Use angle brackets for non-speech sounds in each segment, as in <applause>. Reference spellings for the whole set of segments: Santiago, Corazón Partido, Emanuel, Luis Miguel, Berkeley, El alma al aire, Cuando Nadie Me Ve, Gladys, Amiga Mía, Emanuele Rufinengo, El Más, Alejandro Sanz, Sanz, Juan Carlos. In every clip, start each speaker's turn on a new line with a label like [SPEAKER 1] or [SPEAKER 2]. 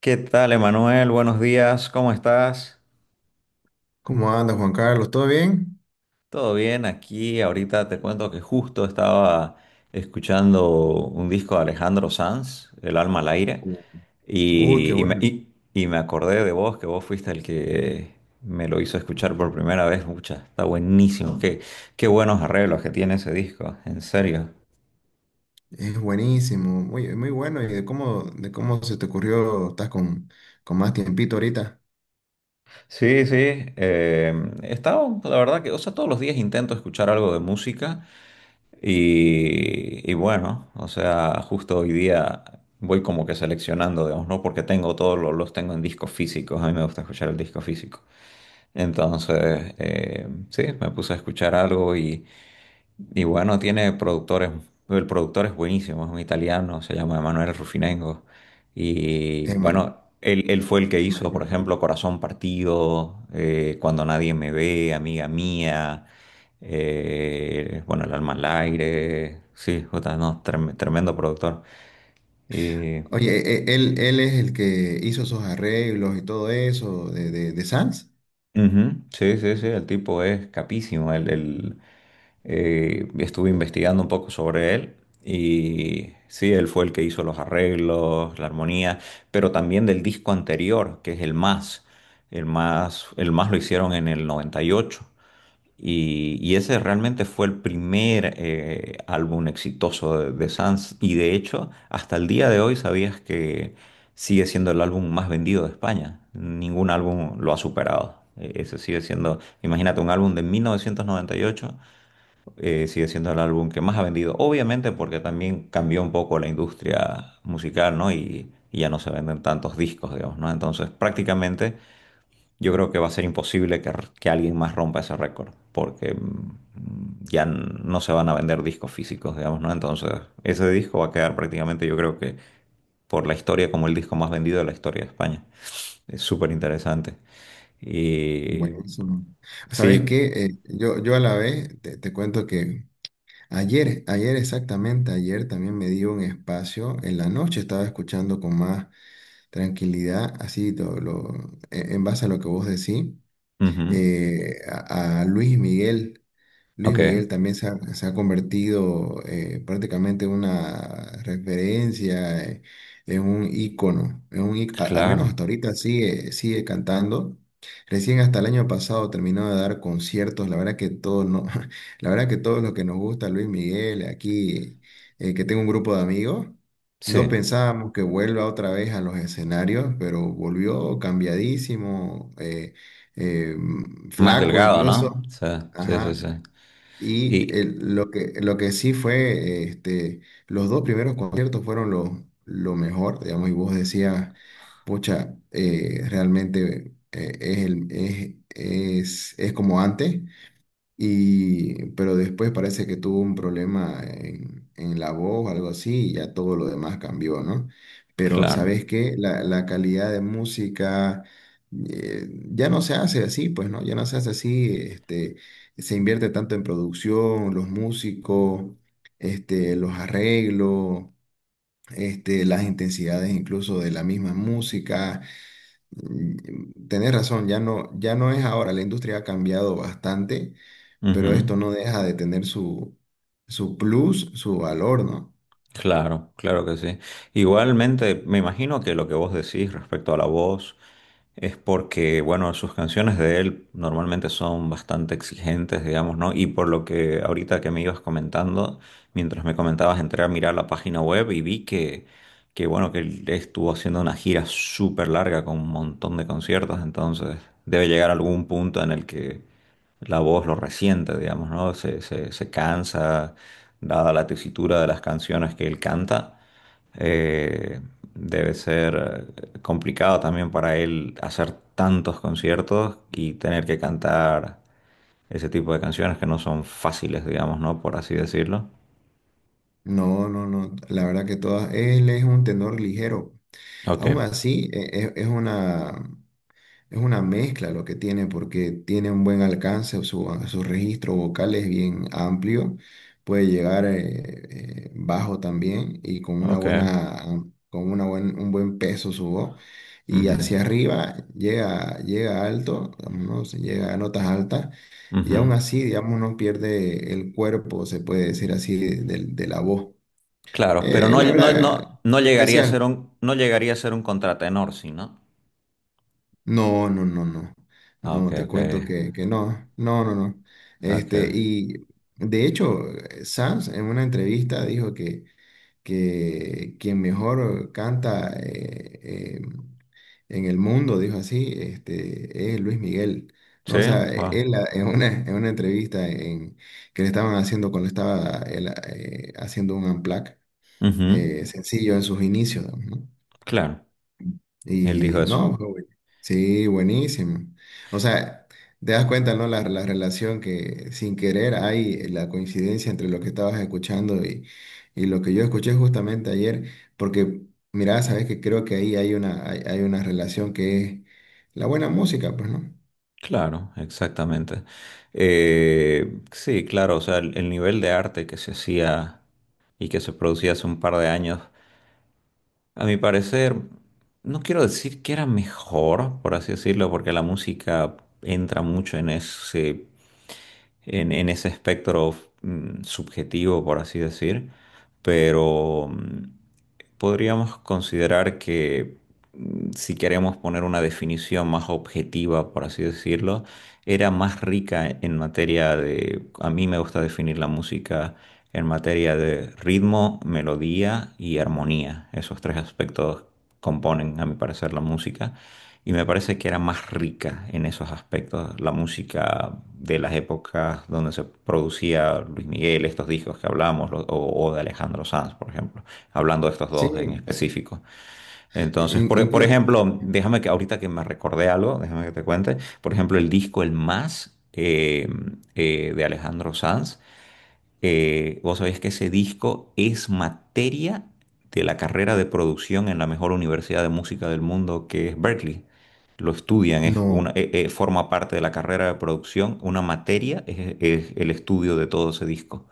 [SPEAKER 1] ¿Qué tal, Emanuel? Buenos días, ¿cómo estás?
[SPEAKER 2] ¿Cómo anda Juan Carlos? ¿Todo bien?
[SPEAKER 1] ¿Todo bien? Aquí ahorita te cuento que justo estaba escuchando un disco de Alejandro Sanz, El alma al aire,
[SPEAKER 2] Uh, Uy, qué
[SPEAKER 1] y, y me,
[SPEAKER 2] bueno.
[SPEAKER 1] y- y me acordé de vos, que vos fuiste el que me lo hizo escuchar por primera vez. Mucha, está buenísimo. Qué buenos arreglos que tiene ese disco, en serio.
[SPEAKER 2] Es buenísimo, muy, muy bueno. ¿Y de cómo se te ocurrió? ¿Estás con más tiempito ahorita?
[SPEAKER 1] Sí, sí. eh, He estado, la verdad que, o sea, todos los días intento escuchar algo de música. Y bueno, o sea, justo hoy día voy como que seleccionando, digamos, ¿no? Porque tengo todos los tengo en discos físicos, a mí me gusta escuchar el disco físico. Entonces, sí, me puse a escuchar algo y bueno, tiene productores, el productor es buenísimo, es un italiano, se llama Emanuele Rufinengo. Y
[SPEAKER 2] Ema-
[SPEAKER 1] bueno, él fue el que hizo, por
[SPEAKER 2] Emanuel.
[SPEAKER 1] ejemplo, Corazón Partido, Cuando Nadie Me Ve, Amiga Mía, bueno, El Alma al Aire, sí, jota, no, tremendo productor. Eh,
[SPEAKER 2] Oye, él es el que hizo esos arreglos y todo eso de Sanz.
[SPEAKER 1] Ujú. Sí, sí, sí, el tipo es capísimo. Estuve investigando un poco sobre él y sí, él fue el que hizo los arreglos, la armonía, pero también del disco anterior, que es el Más. El Más lo hicieron en el 98. Y ese realmente fue el primer álbum exitoso de Sanz. Y de hecho, hasta el día de hoy sabías que sigue siendo el álbum más vendido de España. Ningún álbum lo ha superado. Ese sigue siendo, imagínate, un álbum de 1998, sigue siendo el álbum que más ha vendido. Obviamente porque también cambió un poco la industria musical, ¿no? Y ya no se venden tantos discos, digamos, ¿no? Entonces, prácticamente yo creo que va a ser imposible que alguien más rompa ese récord, porque ya no se van a vender discos físicos, digamos, ¿no? Entonces, ese disco va a quedar prácticamente, yo creo que por la historia, como el disco más vendido de la historia de España. Es súper interesante. Y
[SPEAKER 2] Buenísimo. ¿Sabes
[SPEAKER 1] sí,
[SPEAKER 2] qué? Yo a la vez te cuento que ayer exactamente, ayer también me dio un espacio en la noche, estaba escuchando con más tranquilidad, así todo, lo, en base a lo que vos decís,
[SPEAKER 1] ujú,
[SPEAKER 2] a Luis Miguel. Luis
[SPEAKER 1] ok,
[SPEAKER 2] Miguel también se ha convertido, prácticamente, en una referencia, en un ícono, en un, al menos
[SPEAKER 1] claro,
[SPEAKER 2] hasta ahorita sigue cantando. Recién hasta el año pasado terminó de dar conciertos. La verdad que todos no, <laughs> la verdad que todos los que nos gusta Luis Miguel, aquí que tengo un grupo de amigos, no
[SPEAKER 1] sí.
[SPEAKER 2] pensábamos que vuelva otra vez a los escenarios, pero volvió cambiadísimo,
[SPEAKER 1] Más
[SPEAKER 2] flaco
[SPEAKER 1] delgado, ¿no?
[SPEAKER 2] incluso.
[SPEAKER 1] Sí, sí, sí,
[SPEAKER 2] Ajá,
[SPEAKER 1] sí. Y
[SPEAKER 2] lo que sí fue, este, los dos primeros conciertos fueron lo mejor, digamos, y vos decías, pucha, realmente, es, el- es como antes, y, pero después parece que tuvo un problema en la voz, algo así, y ya todo lo demás cambió, ¿no? Pero,
[SPEAKER 1] claro.
[SPEAKER 2] ¿sabes qué? La calidad de música, ya no se hace así, pues, ¿no? Ya no se hace así, este, se invierte tanto en producción, los músicos, este, los arreglos, este, las intensidades incluso de la misma música. Mm, mm, tenés razón, ya no, ya no es ahora, la industria ha cambiado bastante, pero
[SPEAKER 1] Ujú.
[SPEAKER 2] esto no deja de tener su, su plus, su valor, ¿no?
[SPEAKER 1] Claro, claro que sí. Igualmente, me imagino que lo que vos decís respecto a la voz, es porque, bueno, sus canciones de él normalmente son bastante exigentes, digamos, ¿no? Y por lo que ahorita que me ibas comentando, mientras me comentabas, entré a mirar la página web y vi que bueno, que él estuvo haciendo una gira súper larga con un montón de conciertos, entonces debe llegar algún punto en el que la voz lo resiente, digamos, ¿no? Se cansa, dada la tesitura de las canciones que él canta. Eh, Debe ser complicado también para él hacer tantos conciertos y tener que cantar ese tipo de canciones que no son fáciles, digamos, ¿no? Por así decirlo.
[SPEAKER 2] No, no, no, la verdad que todas, él es un tenor ligero.
[SPEAKER 1] Ok,
[SPEAKER 2] Aún así, es, una, es una mezcla lo que tiene porque tiene un buen alcance, su registro vocal es bien amplio, puede llegar bajo también y con una
[SPEAKER 1] ok.
[SPEAKER 2] buena, con un buen peso su voz. Y
[SPEAKER 1] Ujú,
[SPEAKER 2] hacia arriba llega, llega alto, digamos, ¿no? Se llega a notas altas y aún
[SPEAKER 1] ujú.
[SPEAKER 2] así, digamos, no pierde el cuerpo, se puede decir así, de la voz.
[SPEAKER 1] Claro, pero no,
[SPEAKER 2] La
[SPEAKER 1] no,
[SPEAKER 2] verdad,
[SPEAKER 1] no, no llegaría a ser
[SPEAKER 2] especial.
[SPEAKER 1] un, no llegaría a ser un contratenor, ¿sí, no?
[SPEAKER 2] No, no, no, no.
[SPEAKER 1] Ah, ok,
[SPEAKER 2] No, te
[SPEAKER 1] ok,
[SPEAKER 2] cuento que no, no, no, no. Este,
[SPEAKER 1] ok.
[SPEAKER 2] y de hecho, Sanz en una entrevista dijo que quien mejor canta, eh, en el mundo, dijo así, este, es Luis Miguel. No,
[SPEAKER 1] Sí,
[SPEAKER 2] o sea,
[SPEAKER 1] wow.
[SPEAKER 2] él, ah, en en una entrevista en, que le estaban haciendo cuando estaba él, ah, haciendo un unplugged,
[SPEAKER 1] Ujú,
[SPEAKER 2] sencillo en sus inicios, ¿no?
[SPEAKER 1] claro, él
[SPEAKER 2] Y
[SPEAKER 1] dijo eso.
[SPEAKER 2] no, sí, buenísimo. O sea, te das cuenta, ¿no? La relación que sin querer hay, la coincidencia entre lo que estabas escuchando y lo que yo escuché justamente ayer, porque, mira, sabes que creo que ahí hay una, hay una relación que es la buena música, pues, ¿no?
[SPEAKER 1] Claro, exactamente. Sí, claro, o sea, el nivel de arte que se hacía y que se producía hace un par de años, a mi parecer, no quiero decir que era mejor, por así decirlo, porque la música entra mucho en en ese espectro subjetivo, por así decir, pero podríamos considerar que si queremos poner una definición más objetiva, por así decirlo, era más rica en materia de, a mí me gusta definir la música en materia de ritmo, melodía y armonía. Esos tres aspectos componen, a mi parecer, la música. Y me parece que era más rica en esos aspectos la música de las épocas donde se producía Luis Miguel, estos discos que hablamos, o de Alejandro Sanz, por ejemplo, hablando de estos
[SPEAKER 2] Sí,
[SPEAKER 1] dos en específico. Entonces,
[SPEAKER 2] in-
[SPEAKER 1] por
[SPEAKER 2] inclu-
[SPEAKER 1] ejemplo, déjame
[SPEAKER 2] ujú.
[SPEAKER 1] que ahorita que me recordé algo, déjame que te cuente, por ejemplo, el disco El Más de Alejandro Sanz. Vos sabés que ese disco es materia de la carrera de producción en la mejor universidad de música del mundo, que es Berkeley. Lo estudian, es
[SPEAKER 2] No,
[SPEAKER 1] una, forma parte de la carrera de producción. Una materia es el estudio de todo ese disco.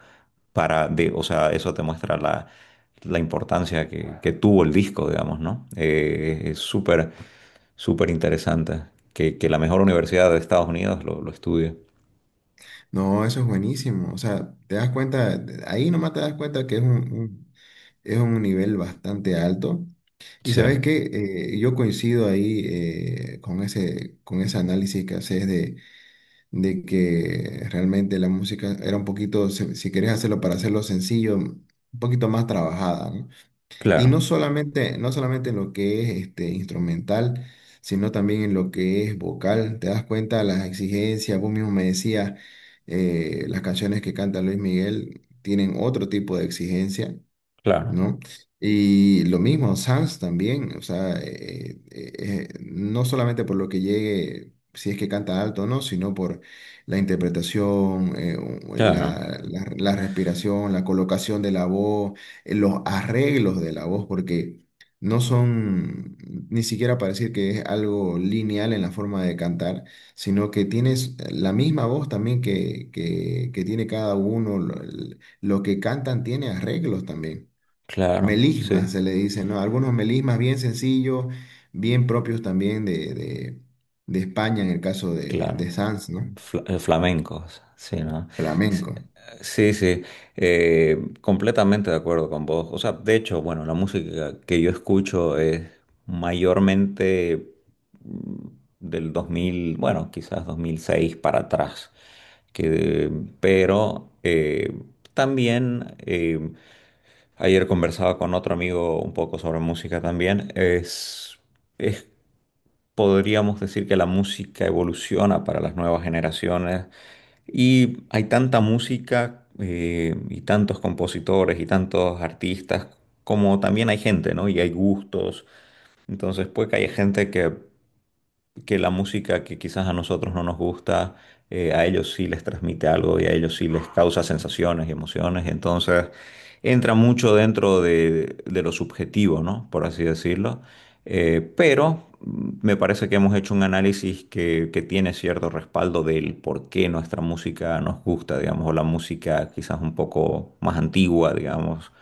[SPEAKER 1] Para de, o sea, eso te muestra la, la importancia que tuvo el disco, digamos, ¿no? Es súper, súper interesante que la mejor universidad de Estados Unidos lo estudie.
[SPEAKER 2] no, eso es buenísimo. O sea, te das cuenta, ahí nomás te das cuenta que es es un nivel bastante alto. Y
[SPEAKER 1] Sí,
[SPEAKER 2] sabes que yo coincido ahí, con ese análisis que haces de que realmente la música era un poquito, si, si querés hacerlo para hacerlo sencillo, un poquito más trabajada, ¿no? Y
[SPEAKER 1] claro,
[SPEAKER 2] no solamente, no solamente en lo que es este, instrumental, sino también en lo que es vocal. Te das cuenta de las exigencias, vos mismo me decías, las canciones que canta Luis Miguel tienen otro tipo de exigencia,
[SPEAKER 1] claro,
[SPEAKER 2] ¿no? Y lo mismo, Sans también, o sea, no solamente por lo que llegue, si es que canta alto o no, sino por la interpretación,
[SPEAKER 1] claro.
[SPEAKER 2] la respiración, la colocación de la voz, los arreglos de la voz, porque no son ni siquiera para decir que es algo lineal en la forma de cantar, sino que tienes la misma voz también que tiene cada uno, lo que cantan tiene arreglos también.
[SPEAKER 1] Claro,
[SPEAKER 2] Melismas
[SPEAKER 1] sí,
[SPEAKER 2] se le dice, ¿no? Algunos melismas bien sencillos, bien propios también de España, en el caso
[SPEAKER 1] claro.
[SPEAKER 2] de Sanz, ¿no?
[SPEAKER 1] Flamencos, sí, ¿no? Sí,
[SPEAKER 2] Flamenco.
[SPEAKER 1] sí, sí, completamente de acuerdo con vos. O sea, de hecho, bueno, la música que yo escucho es mayormente mm, del 2000, bueno, quizás 2006 para atrás. Que, pero también, ayer conversaba con otro amigo un poco sobre música también, es podríamos decir que la música evoluciona para las nuevas generaciones y hay tanta música y tantos compositores y tantos artistas como también hay gente, ¿no? Y hay gustos. Entonces puede que haya gente que la música que quizás a nosotros no nos gusta, a ellos sí les transmite algo y a ellos sí les causa sensaciones y emociones. Entonces, entra mucho dentro de lo subjetivo, ¿no? Por así decirlo. Pero me parece que hemos hecho un análisis que tiene cierto respaldo del por qué nuestra música nos gusta, digamos, o la música quizás un poco más antigua, digamos.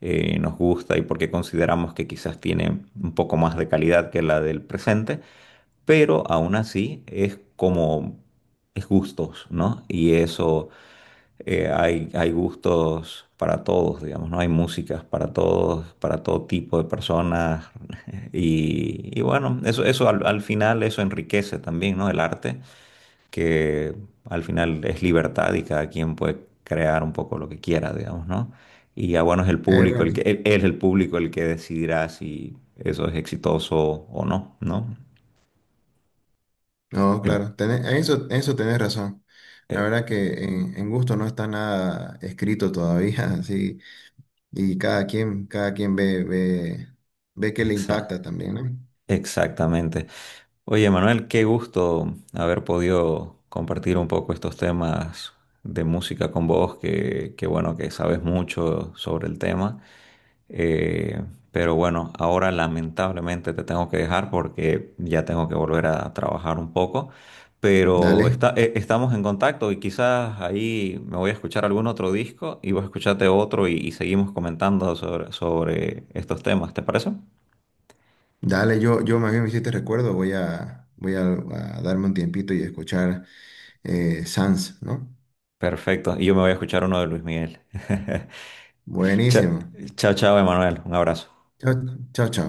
[SPEAKER 1] Nos gusta y por qué consideramos que quizás tiene un poco más de calidad que la del presente, pero aún así es como, es gustos, ¿no? Y eso, hay, hay gustos para todos, digamos, ¿no? Hay músicas para todos, para todo tipo de personas, <laughs> y bueno, eso al, al final, eso enriquece también, ¿no? El arte, que al final es libertad y cada quien puede crear un poco lo que quiera, digamos, ¿no? Y ya bueno,
[SPEAKER 2] Bueno,
[SPEAKER 1] es el público el que decidirá si eso es exitoso o no, ¿no?
[SPEAKER 2] no,
[SPEAKER 1] En-
[SPEAKER 2] claro, tenés- en eso tenés razón. La
[SPEAKER 1] eh,
[SPEAKER 2] verdad que en gusto no está nada escrito todavía, <laughs> así, y cada quien ve, ve, ve que le
[SPEAKER 1] Exa-
[SPEAKER 2] impacta también, ¿no?
[SPEAKER 1] Exactamente. Oye, Manuel, qué gusto haber podido compartir un poco estos temas de música con vos, que bueno, que sabes mucho sobre el tema. Eh, pero bueno, ahora lamentablemente te tengo que dejar porque ya tengo que volver a trabajar un poco.
[SPEAKER 2] Dale,
[SPEAKER 1] Pero está, estamos en contacto y quizás ahí me voy a escuchar algún otro disco y vos escuchate otro y seguimos comentando sobre, sobre estos temas, ¿te parece?
[SPEAKER 2] dale, yo más bien me hiciste recuerdo, voy a, voy a darme un tiempito y escuchar, Sanz, ¿no?
[SPEAKER 1] Perfecto. Y yo me voy a escuchar uno de Luis Miguel. <laughs> Cha-
[SPEAKER 2] Buenísimo.
[SPEAKER 1] Chao, chao, Emanuel. Un abrazo.
[SPEAKER 2] Chao, chao, chao.